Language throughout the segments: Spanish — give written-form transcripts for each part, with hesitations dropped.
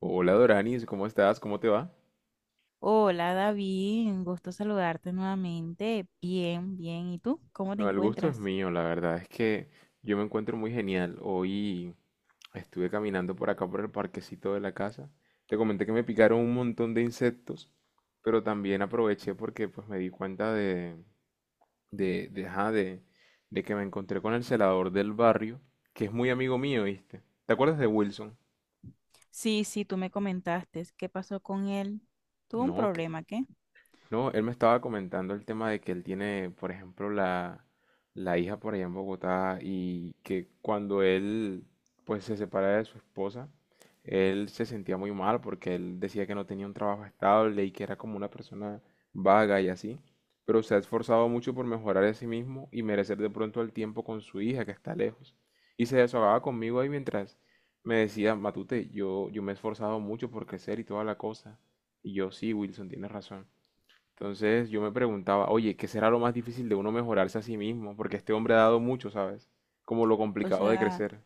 Hola Doranis, ¿cómo estás? ¿Cómo te va? Hola David, un gusto saludarte nuevamente. Bien, bien. ¿Y tú? ¿Cómo te No, el gusto es encuentras? mío, la verdad es que yo me encuentro muy genial. Hoy estuve caminando por acá por el parquecito de la casa. Te comenté que me picaron un montón de insectos, pero también aproveché porque pues me di cuenta de, de, ajá, de, de que me encontré con el celador del barrio, que es muy amigo mío, ¿viste? ¿Te acuerdas de Wilson? Sí, tú me comentaste. ¿Qué pasó con él? ¿Tuvo un No, ok. problema, qué? No, él me estaba comentando el tema de que él tiene, por ejemplo, la hija por allá en Bogotá y que cuando él pues se separa de su esposa, él se sentía muy mal porque él decía que no tenía un trabajo estable y que era como una persona vaga y así, pero se ha esforzado mucho por mejorar a sí mismo y merecer de pronto el tiempo con su hija que está lejos. Y se desahogaba conmigo ahí mientras me decía, Matute, yo me he esforzado mucho por crecer y toda la cosa. Y yo, sí, Wilson, tienes razón. Entonces yo me preguntaba, oye, ¿qué será lo más difícil de uno mejorarse a sí mismo? Porque este hombre ha dado mucho, ¿sabes? Como lo O complicado de sea, crecer.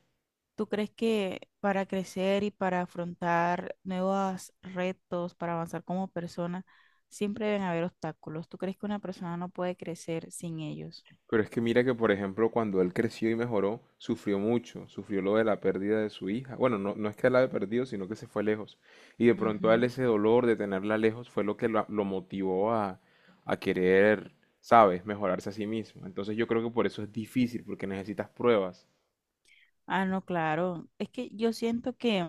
¿tú crees que para crecer y para afrontar nuevos retos, para avanzar como persona, siempre deben haber obstáculos? ¿Tú crees que una persona no puede crecer sin ellos? Pero es que mira que, por ejemplo, cuando él creció y mejoró, sufrió mucho, sufrió lo de la pérdida de su hija. Bueno, no, no es que la haya perdido, sino que se fue lejos. Y de pronto a él Ujú. ese dolor de tenerla lejos fue lo que lo motivó a querer, ¿sabes?, mejorarse a sí mismo. Entonces yo creo que por eso es difícil, porque necesitas pruebas. Ah, no, claro. Es que yo siento que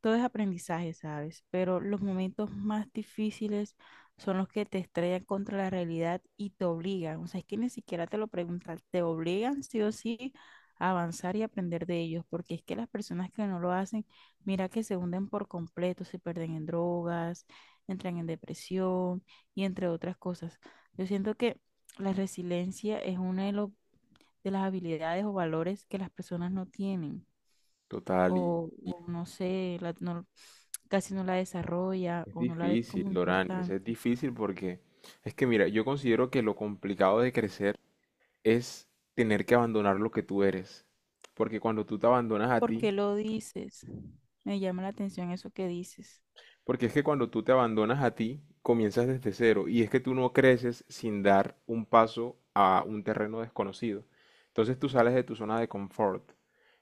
todo es aprendizaje, ¿sabes? Pero los momentos más difíciles son los que te estrellan contra la realidad y te obligan. O sea, es que ni siquiera te lo preguntan, te obligan sí o sí a avanzar y aprender de ellos, porque es que las personas que no lo hacen, mira que se hunden por completo, se pierden en drogas, entran en depresión y entre otras cosas. Yo siento que la resiliencia es una de las habilidades o valores que las personas no tienen Total. Y o no sé, casi no la desarrolla es o no la ve como difícil, Doranis, importante. es difícil porque es que mira, yo considero que lo complicado de crecer es tener que abandonar lo que tú eres. Porque cuando tú te abandonas a ¿Por ti, qué lo dices? Me llama la atención eso que dices. porque es que cuando tú te abandonas a ti, comienzas desde cero. Y es que tú no creces sin dar un paso a un terreno desconocido. Entonces tú sales de tu zona de confort.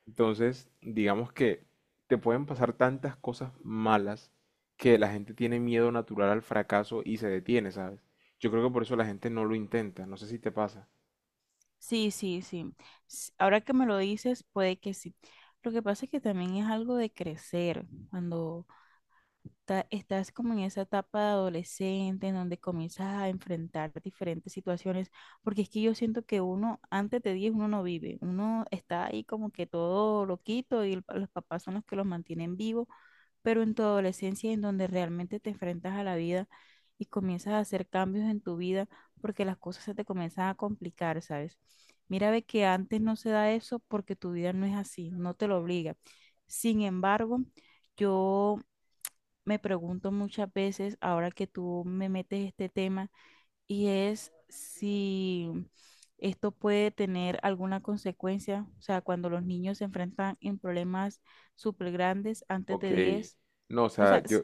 Entonces, digamos que te pueden pasar tantas cosas malas que la gente tiene miedo natural al fracaso y se detiene, ¿sabes? Yo creo que por eso la gente no lo intenta. No sé si te pasa. Sí. Ahora que me lo dices, puede que sí. Lo que pasa es que también es algo de crecer. Cuando estás como en esa etapa de adolescente en donde comienzas a enfrentar diferentes situaciones, porque es que yo siento que uno antes de 10 uno no vive, uno está ahí como que todo loquito y los papás son los que los mantienen vivo, pero en tu adolescencia en donde realmente te enfrentas a la vida y comienzas a hacer cambios en tu vida porque las cosas se te comienzan a complicar, ¿sabes? Mira, ve que antes no se da eso porque tu vida no es así, no te lo obliga. Sin embargo, yo me pregunto muchas veces, ahora que tú me metes este tema, y es si esto puede tener alguna consecuencia, o sea, cuando los niños se enfrentan en problemas súper grandes antes de Ok, 10, no, o o sea, sea, yo,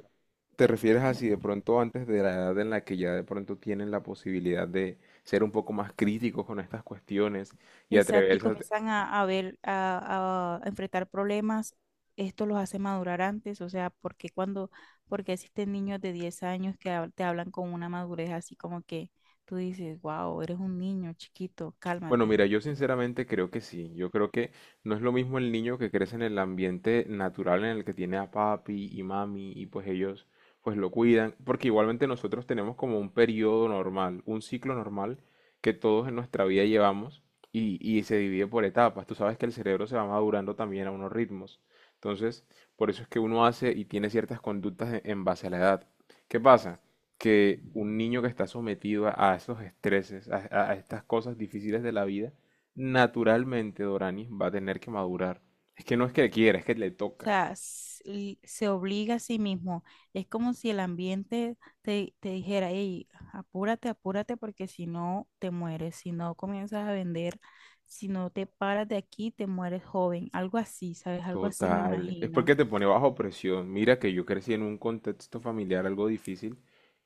¿te refieres a me- si de pronto antes de la edad en la que ya de pronto tienen la posibilidad de ser un poco más críticos con estas cuestiones y exacto, y atreverse a... comienzan a enfrentar problemas, esto los hace madurar antes, o sea, porque cuando, porque existen niños de 10 años que te hablan con una madurez así como que tú dices, wow, eres un niño chiquito, Bueno, cálmate. mira, yo sinceramente creo que sí. Yo creo que no es lo mismo el niño que crece en el ambiente natural en el que tiene a papi y mami y pues ellos pues lo cuidan, porque igualmente nosotros tenemos como un periodo normal, un ciclo normal que todos en nuestra vida llevamos y se divide por etapas. Tú sabes que el cerebro se va madurando también a unos ritmos. Entonces, por eso es que uno hace y tiene ciertas conductas en base a la edad. ¿Qué pasa? Que un niño que está sometido a esos estreses, a, a estas cosas difíciles de la vida, naturalmente Doranis va a tener que madurar. Es que no es que le quiera, es que le O toca. sea, se obliga a sí mismo. Es como si el ambiente te dijera, hey, apúrate, apúrate, porque si no te mueres, si no comienzas a vender, si no te paras de aquí, te mueres joven. Algo así, ¿sabes? Algo así me Total, es imagino. porque te pone bajo presión. Mira que yo crecí en un contexto familiar algo difícil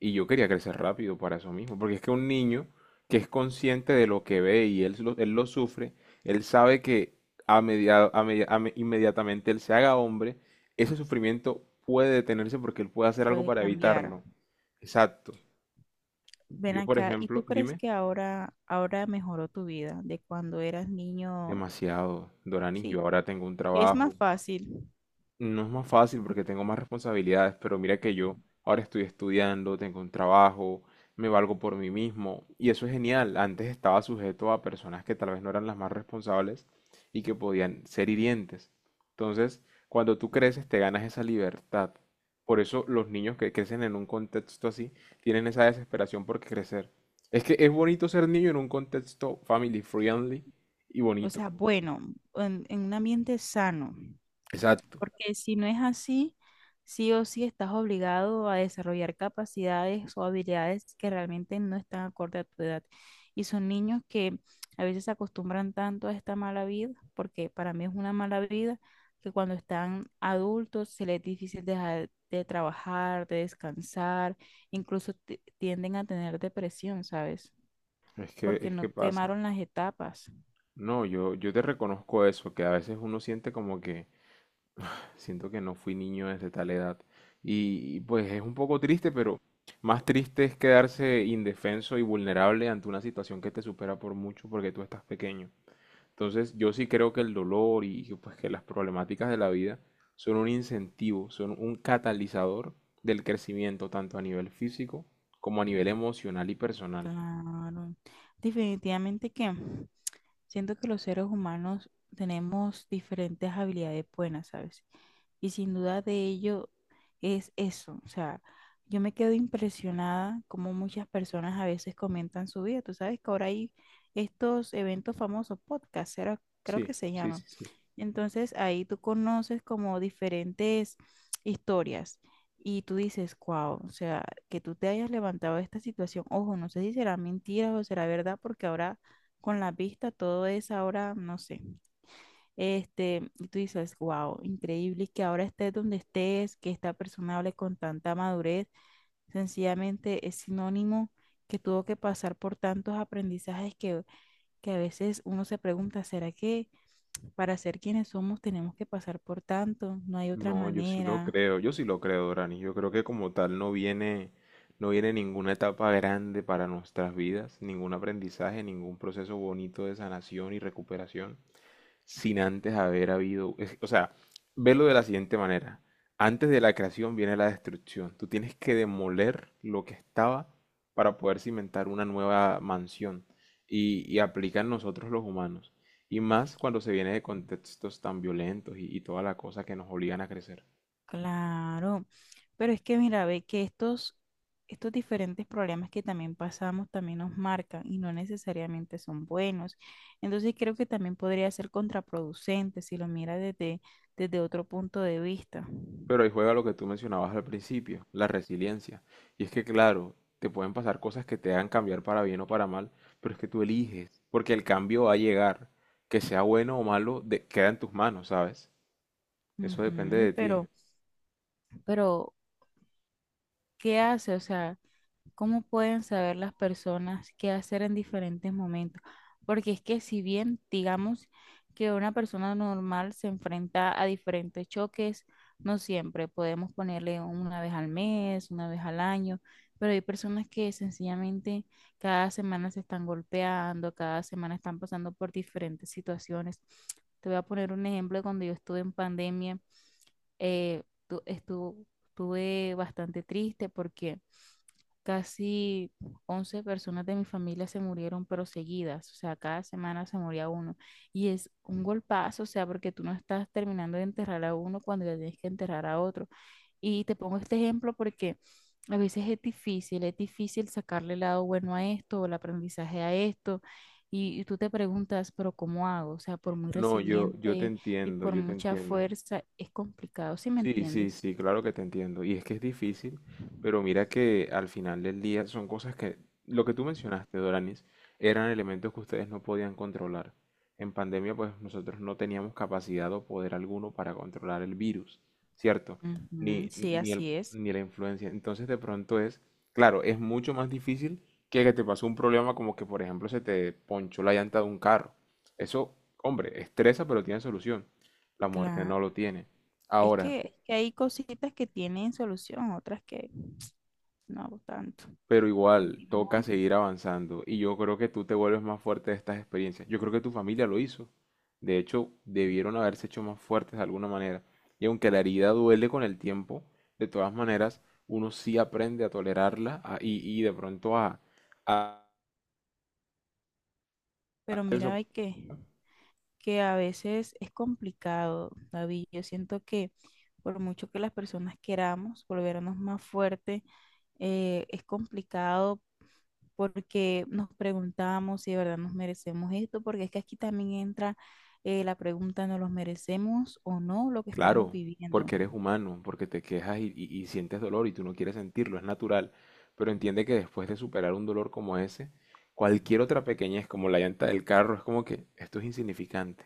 y yo quería crecer rápido para eso mismo, porque es que un niño que es consciente de lo que ve y él lo sufre, él sabe que a media- a media- a me- inmediatamente él se haga hombre, ese sufrimiento puede detenerse porque él puede hacer algo Puede para cambiar. evitarlo. Exacto. Ven Yo, por acá, ¿y tú ejemplo, crees dime, que ahora, ahora mejoró tu vida de cuando eras niño? demasiado, Doranis, yo Sí, ahora tengo un es más trabajo. fácil. No es más fácil porque tengo más responsabilidades, pero mira que yo ahora estoy estudiando, tengo un trabajo, me valgo por mí mismo y eso es genial. Antes estaba sujeto a personas que tal vez no eran las más responsables y que podían ser hirientes. Entonces, cuando tú creces, te ganas esa libertad. Por eso los niños que crecen en un contexto así tienen esa desesperación por crecer. Es que es bonito ser niño en un contexto family friendly y O bonito. sea, bueno, en un ambiente sano. Exacto. Porque si no es así, sí o sí estás obligado a desarrollar capacidades o habilidades que realmente no están acorde a tu edad. Y son niños que a veces se acostumbran tanto a esta mala vida, porque para mí es una mala vida, que cuando están adultos se les es difícil dejar de trabajar, de descansar, incluso tienden a tener depresión, ¿sabes? Porque Es no que pasa. quemaron las etapas. No, yo te reconozco eso, que a veces uno siente como que siento que no fui niño desde tal edad. Y, y pues es un poco triste, pero más triste es quedarse indefenso y vulnerable ante una situación que te supera por mucho porque tú estás pequeño. Entonces yo sí creo que el dolor y que, pues que las problemáticas de la vida son un incentivo, son un catalizador del crecimiento tanto a nivel físico como a nivel emocional y personal. Claro. Definitivamente que siento que los seres humanos tenemos diferentes habilidades buenas, ¿sabes? Y sin duda de ello es eso. O sea, yo me quedo impresionada como muchas personas a veces comentan su vida. Tú sabes que ahora hay estos eventos famosos, podcasts, creo Sí, que se sí, llaman. sí, sí. Entonces ahí tú conoces como diferentes historias y tú dices, wow, o sea, que tú te hayas levantado de esta situación. Ojo, no sé si será mentira o será verdad porque ahora con la vista, todo es ahora, no sé. Este, y tú dices, wow, increíble que ahora estés donde estés, que esta persona hable con tanta madurez, sencillamente es sinónimo que tuvo que pasar por tantos aprendizajes que a veces uno se pregunta, ¿será que para ser quienes somos tenemos que pasar por tanto? No hay otra No, yo sí lo manera. creo, yo sí lo creo, Dorani. Yo creo que como tal no viene, no viene ninguna etapa grande para nuestras vidas, ningún aprendizaje, ningún proceso bonito de sanación y recuperación sin antes haber habido, o sea, velo de la siguiente manera. Antes de la creación viene la destrucción. Tú tienes que demoler lo que estaba para poder cimentar una nueva mansión. Y aplica nosotros los humanos. Y más cuando se viene de contextos tan violentos y toda la cosa que nos obligan a crecer. Claro, pero es que mira, ve que estos diferentes problemas que también pasamos también nos marcan y no necesariamente son buenos. Entonces creo que también podría ser contraproducente si lo miras desde otro punto de vista. Pero ahí juega lo que tú mencionabas al principio, la resiliencia. Y es que, claro, te pueden pasar cosas que te hagan cambiar para bien o para mal, pero es que tú eliges, porque el cambio va a llegar. Que sea bueno o malo, queda en tus manos, ¿sabes? Eso depende Ujú, de ti. pero ¿qué hace? O sea, ¿cómo pueden saber las personas qué hacer en diferentes momentos? Porque es que si bien digamos que una persona normal se enfrenta a diferentes choques, no siempre podemos ponerle una vez al mes, una vez al año, pero hay personas que sencillamente cada semana se están golpeando, cada semana están pasando por diferentes situaciones. Te voy a poner un ejemplo de cuando yo estuve en pandemia, eh, tu- estuvo- estuve bastante triste porque casi 11 personas de mi familia se murieron, pero seguidas, o sea, cada semana se moría uno. Y es un golpazo, o sea, porque tú no estás terminando de enterrar a uno cuando ya tienes que enterrar a otro. Y te pongo este ejemplo porque a veces es difícil sacarle el lado bueno a esto o el aprendizaje a esto. Y tú te preguntas, pero ¿cómo hago? O sea, por muy No, yo te resiliente y entiendo, por yo te mucha entiendo. fuerza, es complicado, ¿sí me Sí, sí, entiendes? sí, claro que te entiendo. Y es que es difícil, pero mira que al final del día son cosas que, lo que tú mencionaste, Doranis, eran elementos que ustedes no podían controlar. En pandemia, pues nosotros no teníamos capacidad o poder alguno para controlar el virus, ¿cierto? Ujú, Ni, sí, ni el, así es. ni la influencia. Entonces, de pronto es, claro, es mucho más difícil que te pasó un problema como que, por ejemplo, se te ponchó la llanta de un carro. Eso, hombre, estresa, pero tiene solución. La muerte Claro. no lo tiene. Es Ahora, que, es que hay cositas que tienen solución, otras que no tanto. pero igual, toca Continúa. seguir avanzando. Y yo creo que tú te vuelves más fuerte de estas experiencias. Yo creo que tu familia lo hizo. De hecho, debieron haberse hecho más fuertes de alguna manera. Y aunque la herida duele con el tiempo, de todas maneras, uno sí aprende a tolerarla y de pronto a, Pero a... mira, que a veces es complicado, David. Yo siento que por mucho que las personas queramos volvernos más fuertes, es complicado porque nos preguntamos si de verdad nos merecemos esto, porque es que aquí también entra la pregunta, ¿nos los merecemos o no lo que estamos Claro, viviendo? porque eres humano, porque te quejas y, y sientes dolor y tú no quieres sentirlo, es natural. Pero entiende que después de superar un dolor como ese, cualquier otra pequeñez, como la llanta del carro, es como que esto es insignificante.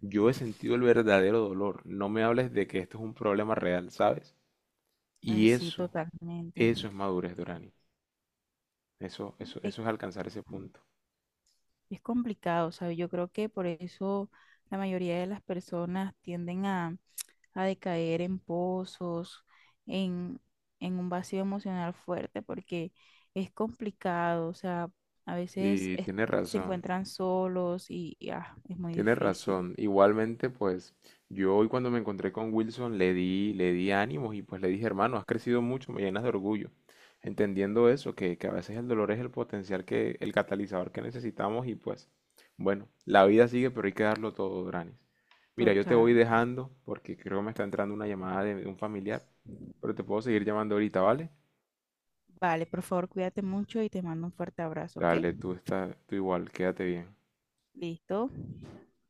Yo he sentido el verdadero dolor. No me hables de que esto es un problema real, ¿sabes? Y Así eso, totalmente. eso es madurez, Dorani. Eso, eso, Eh, eso es alcanzar ese punto. Es complicado, ¿sabes? Yo creo que por eso la mayoría de las personas tienden a decaer en pozos, en, en un vacío emocional fuerte, porque es complicado, o sea, a veces Y es- tienes se razón. encuentran solos y es muy Tienes difícil. razón. Igualmente, pues yo hoy cuando me encontré con Wilson le di ánimos y pues le dije, hermano, has crecido mucho, me llenas de orgullo. Entendiendo eso, que a veces el dolor es el potencial que, el catalizador que necesitamos y pues, bueno, la vida sigue, pero hay que darlo todo, Dranis. Mira, yo te Total. voy dejando porque creo que me está entrando una llamada de un familiar, pero te puedo seguir llamando ahorita, ¿vale? Vale, por favor, cuídate mucho y te mando un fuerte abrazo, ¿ok? Dale, tú está, tú igual, quédate bien. Listo.